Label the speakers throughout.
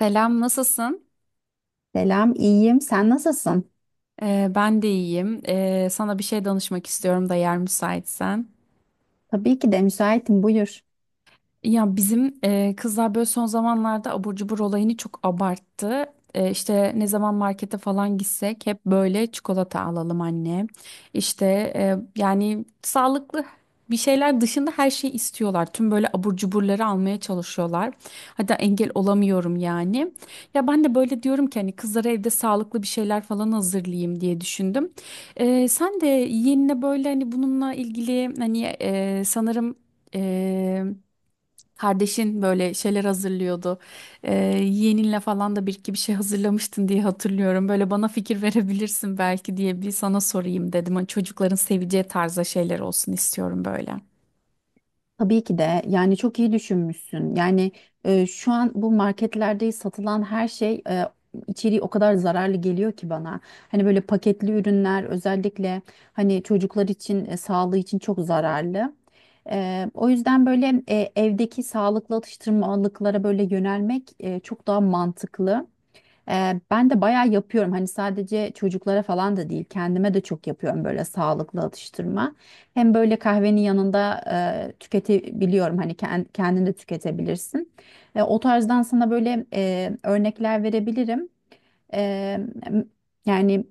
Speaker 1: Selam, nasılsın?
Speaker 2: Selam, iyiyim. Sen nasılsın?
Speaker 1: Ben de iyiyim. Sana bir şey danışmak istiyorum da yer müsaitsen.
Speaker 2: Tabii ki de müsaitim, buyur.
Speaker 1: Ya bizim kızlar böyle son zamanlarda abur cubur olayını çok abarttı. İşte ne zaman markete falan gitsek hep böyle çikolata alalım anne. İşte yani sağlıklı bir şeyler dışında her şeyi istiyorlar. Tüm böyle abur cuburları almaya çalışıyorlar. Hatta engel olamıyorum yani. Ya ben de böyle diyorum ki hani kızlara evde sağlıklı bir şeyler falan hazırlayayım diye düşündüm. Sen de yeğenine böyle hani bununla ilgili hani sanırım... Kardeşin böyle şeyler hazırlıyordu. Ee, Yeğeninle falan da bir iki bir şey hazırlamıştın diye hatırlıyorum. Böyle bana fikir verebilirsin belki diye bir sana sorayım dedim. Hani çocukların seveceği tarzda şeyler olsun istiyorum böyle.
Speaker 2: Tabii ki de. Yani çok iyi düşünmüşsün. Şu an bu marketlerde satılan her şey, içeriği o kadar zararlı geliyor ki bana. Hani böyle paketli ürünler özellikle hani çocuklar için sağlığı için çok zararlı. O yüzden böyle evdeki sağlıklı atıştırmalıklara böyle yönelmek, çok daha mantıklı. Ben de bayağı yapıyorum. Hani sadece çocuklara falan da değil, kendime de çok yapıyorum böyle sağlıklı atıştırma. Hem böyle kahvenin yanında tüketebiliyorum. Hani kendin de tüketebilirsin. O tarzdan sana böyle örnekler verebilirim. E, m- Yani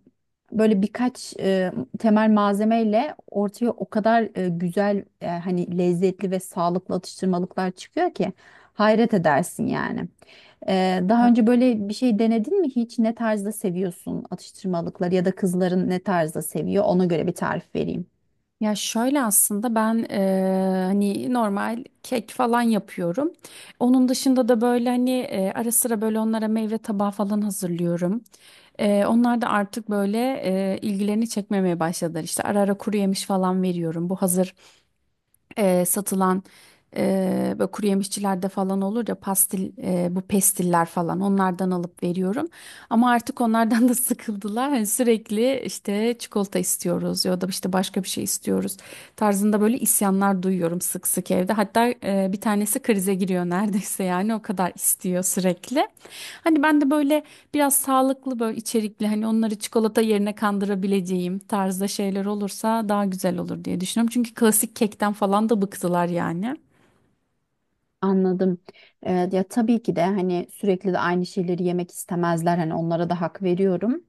Speaker 2: böyle birkaç temel malzemeyle ortaya o kadar güzel, e, hani lezzetli ve sağlıklı atıştırmalıklar çıkıyor ki hayret edersin yani. Daha önce böyle bir şey denedin mi hiç? Ne tarzda seviyorsun atıştırmalıkları ya da kızların ne tarzda seviyor? Ona göre bir tarif vereyim.
Speaker 1: Ya şöyle aslında ben hani normal kek falan yapıyorum. Onun dışında da böyle hani ara sıra böyle onlara meyve tabağı falan hazırlıyorum. Onlar da artık böyle ilgilerini çekmemeye başladılar. İşte ara ara kuru yemiş falan veriyorum. Bu hazır satılan böyle kuru yemişçilerde falan olur ya pastil bu pestiller falan onlardan alıp veriyorum. Ama artık onlardan da sıkıldılar. Hani sürekli işte çikolata istiyoruz ya da işte başka bir şey istiyoruz tarzında böyle isyanlar duyuyorum sık sık evde. Hatta bir tanesi krize giriyor neredeyse yani o kadar istiyor sürekli. Hani ben de böyle biraz sağlıklı böyle içerikli hani onları çikolata yerine kandırabileceğim tarzda şeyler olursa daha güzel olur diye düşünüyorum. Çünkü klasik kekten falan da bıktılar yani.
Speaker 2: Anladım. Ya tabii ki de hani sürekli de aynı şeyleri yemek istemezler. Hani onlara da hak veriyorum.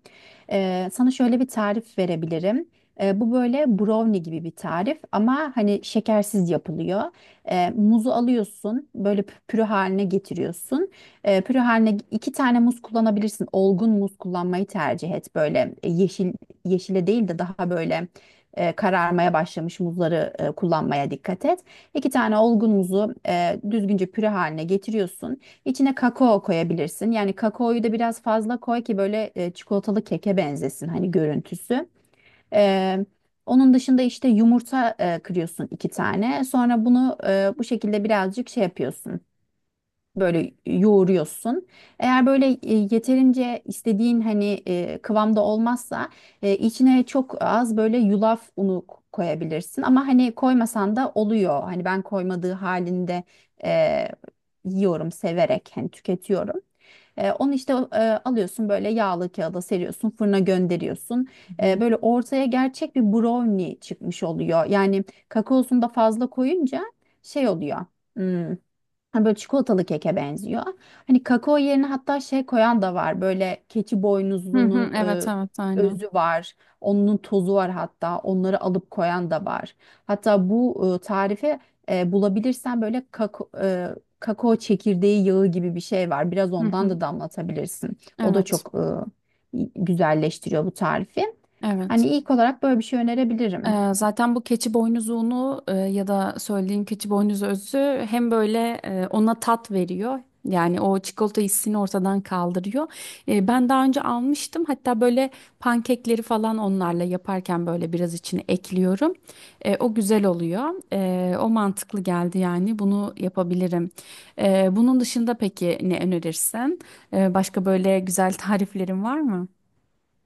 Speaker 2: Sana şöyle bir tarif verebilirim. Bu böyle brownie gibi bir tarif ama hani şekersiz yapılıyor. Muzu alıyorsun, böyle püre haline getiriyorsun. Püre haline iki tane muz kullanabilirsin. Olgun muz kullanmayı tercih et. Böyle yeşile değil de daha böyle kararmaya başlamış muzları kullanmaya dikkat et. İki tane olgun muzu düzgünce püre haline getiriyorsun. İçine kakao koyabilirsin. Yani kakaoyu da biraz fazla koy ki böyle çikolatalı keke benzesin hani görüntüsü. E, Onun dışında işte yumurta kırıyorsun iki tane. Sonra bunu bu şekilde birazcık şey yapıyorsun böyle yoğuruyorsun. Eğer böyle yeterince istediğin hani kıvamda olmazsa, e, içine çok az böyle yulaf unu koyabilirsin. Ama hani koymasan da oluyor. Hani ben koymadığı halinde e, yiyorum severek hani tüketiyorum. Onu işte alıyorsun böyle yağlı kağıda seriyorsun fırına gönderiyorsun.
Speaker 1: Hı hı.
Speaker 2: Böyle ortaya gerçek bir brownie çıkmış oluyor. Yani kakaosunu da fazla koyunca şey oluyor. Hmm. Hani böyle çikolatalı keke benziyor. Hani kakao yerine hatta şey koyan da var. Böyle keçi boynuzlunun
Speaker 1: Evet,
Speaker 2: e,
Speaker 1: evet, aynen.
Speaker 2: özü var. Onun tozu var hatta. Onları alıp koyan da var. Hatta bu tarifi bulabilirsen böyle kakao çekirdeği yağı gibi bir şey var. Biraz
Speaker 1: Hı
Speaker 2: ondan
Speaker 1: hı,
Speaker 2: da damlatabilirsin. O da
Speaker 1: evet,
Speaker 2: çok güzelleştiriyor bu tarifi.
Speaker 1: evet.
Speaker 2: Hani ilk olarak böyle bir şey önerebilirim.
Speaker 1: Zaten bu keçi boynuzuğunu ya da söylediğim keçi boynuzu özü hem böyle ona tat veriyor. Yani o çikolata hissini ortadan kaldırıyor. Ben daha önce almıştım. Hatta böyle pankekleri falan onlarla yaparken böyle biraz içine ekliyorum. O güzel oluyor. O mantıklı geldi yani. Bunu yapabilirim. Bunun dışında peki ne önerirsin? Başka böyle güzel tariflerin var mı?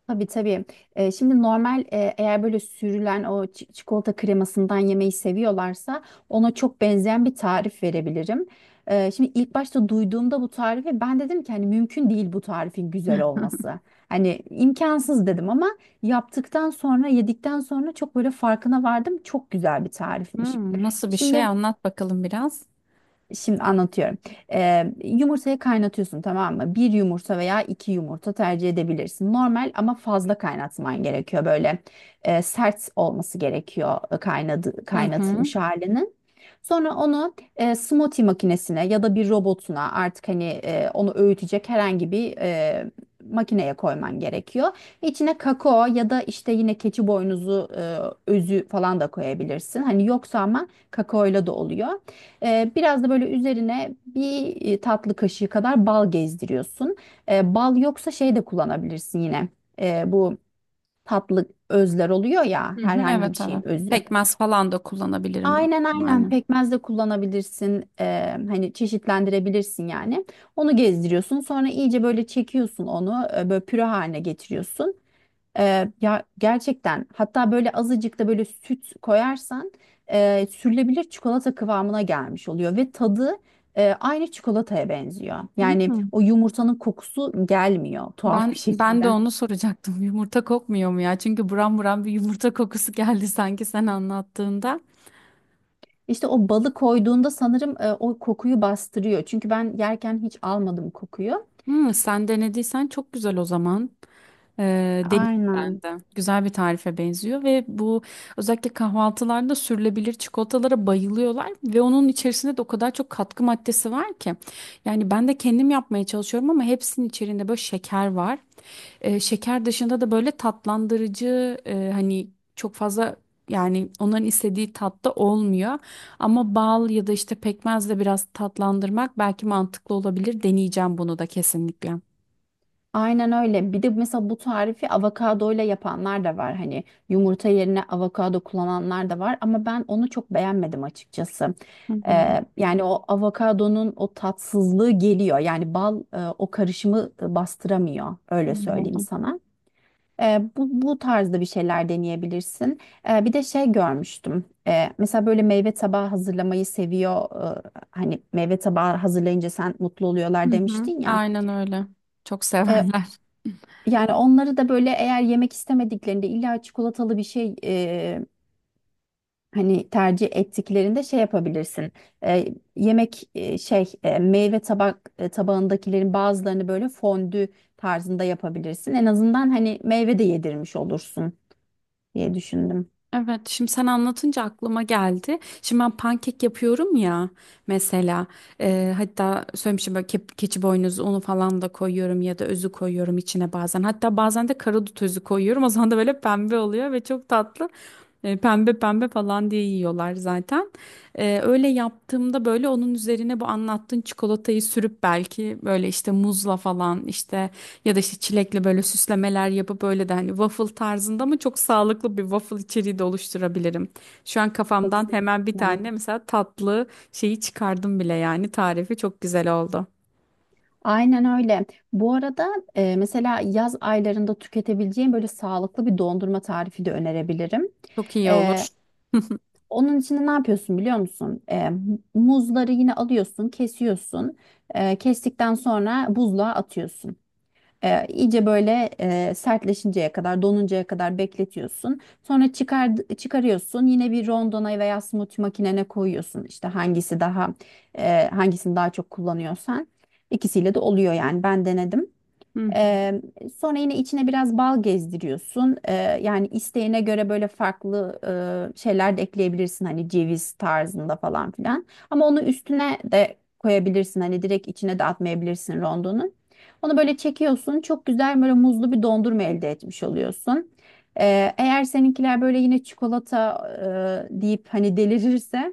Speaker 2: Tabii tabii. Şimdi normal, eğer böyle sürülen o çikolata kremasından yemeyi seviyorlarsa ona çok benzeyen bir tarif verebilirim. Şimdi ilk başta duyduğumda bu tarifi ben dedim ki hani mümkün değil bu tarifin güzel olması. Hani imkansız dedim ama yaptıktan sonra yedikten sonra çok böyle farkına vardım. Çok güzel bir tarifmiş.
Speaker 1: Hmm, nasıl bir şey?
Speaker 2: Şimdi
Speaker 1: Anlat bakalım biraz.
Speaker 2: Şimdi anlatıyorum. Yumurtayı kaynatıyorsun tamam mı? Bir yumurta veya iki yumurta tercih edebilirsin. Normal ama fazla kaynatman gerekiyor. Böyle sert olması gerekiyor, kaynadı,
Speaker 1: Hı hı.
Speaker 2: kaynatılmış halinin. Sonra onu smoothie makinesine ya da bir robotuna artık hani onu öğütecek herhangi bir makineye koyman gerekiyor. İçine kakao ya da işte yine keçi boynuzu özü falan da koyabilirsin. Hani yoksa ama kakaoyla da oluyor. Biraz da böyle üzerine bir tatlı kaşığı kadar bal gezdiriyorsun. Bal yoksa şey de kullanabilirsin yine. Bu tatlı özler oluyor ya
Speaker 1: Hı hı,
Speaker 2: herhangi bir
Speaker 1: evet, evet.
Speaker 2: şeyin özü.
Speaker 1: Pekmez falan da kullanabilirim büyük
Speaker 2: Aynen,
Speaker 1: ihtimalle.
Speaker 2: pekmez de kullanabilirsin. Hani çeşitlendirebilirsin yani. Onu gezdiriyorsun. Sonra iyice böyle çekiyorsun onu. Böyle püre haline getiriyorsun. Ya gerçekten hatta böyle azıcık da böyle süt koyarsan, sürülebilir çikolata kıvamına gelmiş oluyor ve tadı aynı çikolataya benziyor. Yani
Speaker 1: Hı.
Speaker 2: o yumurtanın kokusu gelmiyor tuhaf
Speaker 1: Ben
Speaker 2: bir
Speaker 1: de
Speaker 2: şekilde.
Speaker 1: onu soracaktım. Yumurta kokmuyor mu ya? Çünkü buram buram bir yumurta kokusu geldi sanki sen anlattığında.
Speaker 2: İşte o balı koyduğunda sanırım, o kokuyu bastırıyor. Çünkü ben yerken hiç almadım kokuyu.
Speaker 1: Hı, sen denediysen çok güzel o zaman. Deneyim ben
Speaker 2: Aynen.
Speaker 1: de. Güzel bir tarife benziyor ve bu özellikle kahvaltılarda sürülebilir çikolatalara bayılıyorlar ve onun içerisinde de o kadar çok katkı maddesi var ki. Yani ben de kendim yapmaya çalışıyorum ama hepsinin içerisinde böyle şeker var. Şeker dışında da böyle tatlandırıcı hani çok fazla yani onların istediği tatta olmuyor. Ama bal ya da işte pekmezle biraz tatlandırmak belki mantıklı olabilir. Deneyeceğim bunu da kekesinlikle.
Speaker 2: Aynen öyle. Bir de mesela bu tarifi avokadoyla yapanlar da var. Hani yumurta yerine avokado kullananlar da var. Ama ben onu çok beğenmedim açıkçası.
Speaker 1: Hı hı,
Speaker 2: Yani o avokadonun o tatsızlığı geliyor. Yani bal, o karışımı bastıramıyor. Öyle söyleyeyim
Speaker 1: anladım.
Speaker 2: sana. Bu tarzda bir şeyler deneyebilirsin. Bir de şey görmüştüm. Mesela böyle meyve tabağı hazırlamayı seviyor. Hani meyve tabağı hazırlayınca sen mutlu
Speaker 1: Hı
Speaker 2: oluyorlar
Speaker 1: hı,
Speaker 2: demiştin ya.
Speaker 1: aynen öyle. Çok
Speaker 2: Ee,
Speaker 1: severler.
Speaker 2: Yani onları da böyle eğer yemek istemediklerinde illa çikolatalı bir şey, hani tercih ettiklerinde şey yapabilirsin. E, yemek e, şey e, meyve tabak e, Tabağındakilerin bazılarını böyle fondü tarzında yapabilirsin. En azından hani meyve de yedirmiş olursun diye düşündüm.
Speaker 1: Evet, şimdi sen anlatınca aklıma geldi. Şimdi ben pankek yapıyorum ya mesela hatta söylemişim böyle keçi boynuzu unu falan da koyuyorum ya da özü koyuyorum içine bazen. Hatta bazen de karadut özü koyuyorum, o zaman da böyle pembe oluyor ve çok tatlı. Pembe pembe falan diye yiyorlar zaten. Öyle yaptığımda böyle onun üzerine bu anlattığın çikolatayı sürüp belki böyle işte muzla falan, işte ya da işte çilekle böyle süslemeler yapıp böyle de hani waffle tarzında ama çok sağlıklı bir waffle içeriği de oluşturabilirim. Şu an kafamdan hemen bir
Speaker 2: Kesinlikle.
Speaker 1: tane mesela tatlı şeyi çıkardım bile, yani tarifi çok güzel oldu.
Speaker 2: Aynen öyle. Bu arada mesela yaz aylarında tüketebileceğin böyle sağlıklı bir dondurma tarifi de önerebilirim.
Speaker 1: Çok iyi olur.
Speaker 2: E, Onun içinde ne yapıyorsun biliyor musun? Muzları yine alıyorsun, kesiyorsun. Kestikten sonra buzluğa atıyorsun. İyice böyle sertleşinceye kadar, donuncaya kadar bekletiyorsun. Çıkarıyorsun. Yine bir rondona veya smoothie makinene koyuyorsun. İşte hangisini daha çok kullanıyorsan. İkisiyle de oluyor yani. Ben denedim. Eee, Sonra yine içine biraz bal gezdiriyorsun. Yani isteğine göre böyle farklı şeyler de ekleyebilirsin. Hani ceviz tarzında falan filan. Ama onu üstüne de koyabilirsin. Hani direkt içine de atmayabilirsin rondonun. Onu böyle çekiyorsun. Çok güzel böyle muzlu bir dondurma elde etmiş oluyorsun. Eğer seninkiler böyle yine çikolata deyip hani delirirse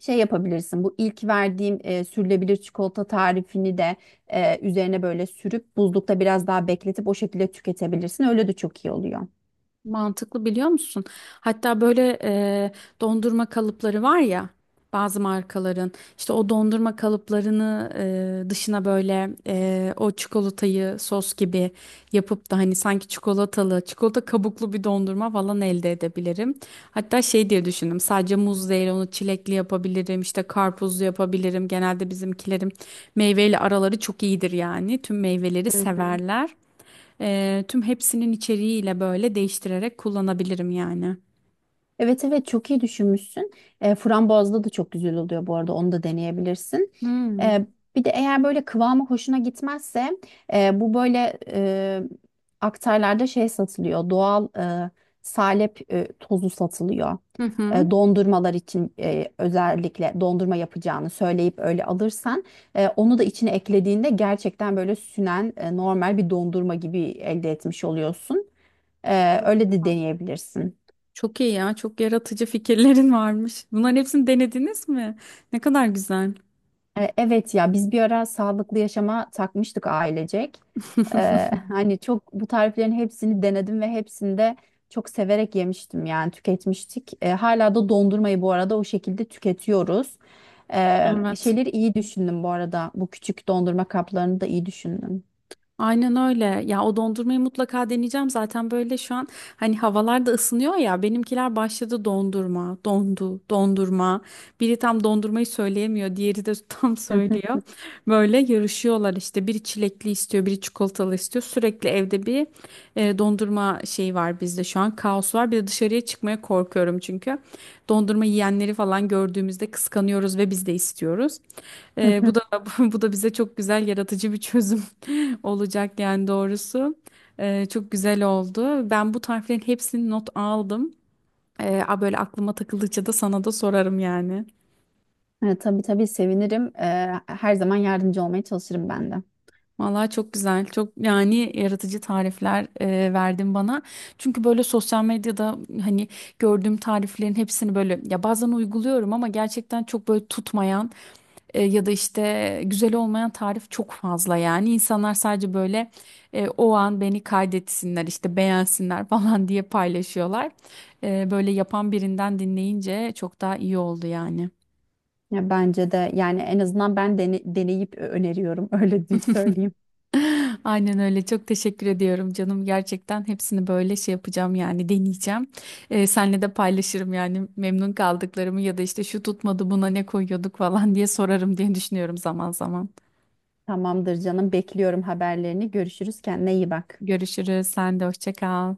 Speaker 2: şey yapabilirsin, bu ilk verdiğim sürülebilir çikolata tarifini de üzerine böyle sürüp buzlukta biraz daha bekletip o şekilde tüketebilirsin. Öyle de çok iyi oluyor.
Speaker 1: Mantıklı, biliyor musun? Hatta böyle dondurma kalıpları var ya bazı markaların, işte o dondurma kalıplarını dışına böyle o çikolatayı sos gibi yapıp da hani sanki çikolatalı, çikolata kabuklu bir dondurma falan elde edebilirim. Hatta şey diye düşündüm, sadece muz değil onu çilekli yapabilirim, işte karpuzlu yapabilirim. Genelde bizimkilerim meyveyle araları çok iyidir yani, tüm meyveleri
Speaker 2: Hı hı.
Speaker 1: severler. Tüm hepsinin içeriğiyle böyle değiştirerek kullanabilirim yani.
Speaker 2: Evet, evet, çok iyi düşünmüşsün. Frambuazlı da çok güzel oluyor bu arada, onu da deneyebilirsin.
Speaker 1: Hmm.
Speaker 2: E, Bir de eğer böyle kıvamı hoşuna gitmezse, e, bu böyle e, aktarlarda şey satılıyor. Doğal salep tozu satılıyor.
Speaker 1: Hı hı.
Speaker 2: Dondurmalar için, özellikle dondurma yapacağını söyleyip öyle alırsan, onu da içine eklediğinde gerçekten böyle sünen, normal bir dondurma gibi elde etmiş oluyorsun. Öyle de deneyebilirsin.
Speaker 1: Çok iyi ya, çok yaratıcı fikirlerin varmış. Bunların hepsini denediniz mi? Ne kadar güzel.
Speaker 2: Evet ya, biz bir ara sağlıklı yaşama takmıştık ailecek. Hani çok bu tariflerin hepsini denedim ve hepsinde çok severek yemiştim yani tüketmiştik. Hala da dondurmayı bu arada o şekilde tüketiyoruz.
Speaker 1: Evet.
Speaker 2: Şeyleri iyi düşündüm bu arada. Bu küçük dondurma kaplarını da iyi düşündüm.
Speaker 1: Aynen öyle. Ya o dondurmayı mutlaka deneyeceğim. Zaten böyle şu an hani havalar da ısınıyor ya. Benimkiler başladı, dondurma, dondu, dondurma. Biri tam dondurmayı söyleyemiyor, diğeri de tam söylüyor. Böyle yarışıyorlar işte. Biri çilekli istiyor, biri çikolatalı istiyor. Sürekli evde bir dondurma şeyi var bizde şu an. Kaos var. Bir de dışarıya çıkmaya korkuyorum çünkü. Dondurma yiyenleri falan gördüğümüzde kıskanıyoruz ve biz de istiyoruz.
Speaker 2: Hı hı.
Speaker 1: Bu da bu da bize çok güzel yaratıcı bir çözüm olacak yani doğrusu. Çok güzel oldu. Ben bu tariflerin hepsini not aldım. A Böyle aklıma takıldıkça da sana da sorarım yani.
Speaker 2: Tabii tabii, sevinirim. Her zaman yardımcı olmaya çalışırım ben de.
Speaker 1: Vallahi çok güzel. Çok yani yaratıcı tarifler verdin bana. Çünkü böyle sosyal medyada hani gördüğüm tariflerin hepsini böyle ya bazen uyguluyorum ama gerçekten çok böyle tutmayan. Ya da işte güzel olmayan tarif çok fazla yani. İnsanlar sadece böyle o an beni kaydetsinler işte, beğensinler falan diye paylaşıyorlar. Böyle yapan birinden dinleyince çok daha iyi oldu yani.
Speaker 2: Ya bence de yani en azından ben deneyip öneriyorum öyle söyleyeyim.
Speaker 1: Aynen öyle, çok teşekkür ediyorum canım, gerçekten hepsini böyle şey yapacağım yani, deneyeceğim. Senle de paylaşırım yani memnun kaldıklarımı ya da işte şu tutmadı, buna ne koyuyorduk falan diye sorarım diye düşünüyorum zaman zaman.
Speaker 2: Tamamdır canım. Bekliyorum haberlerini. Görüşürüz. Kendine iyi bak.
Speaker 1: Görüşürüz, sen de hoşça kal.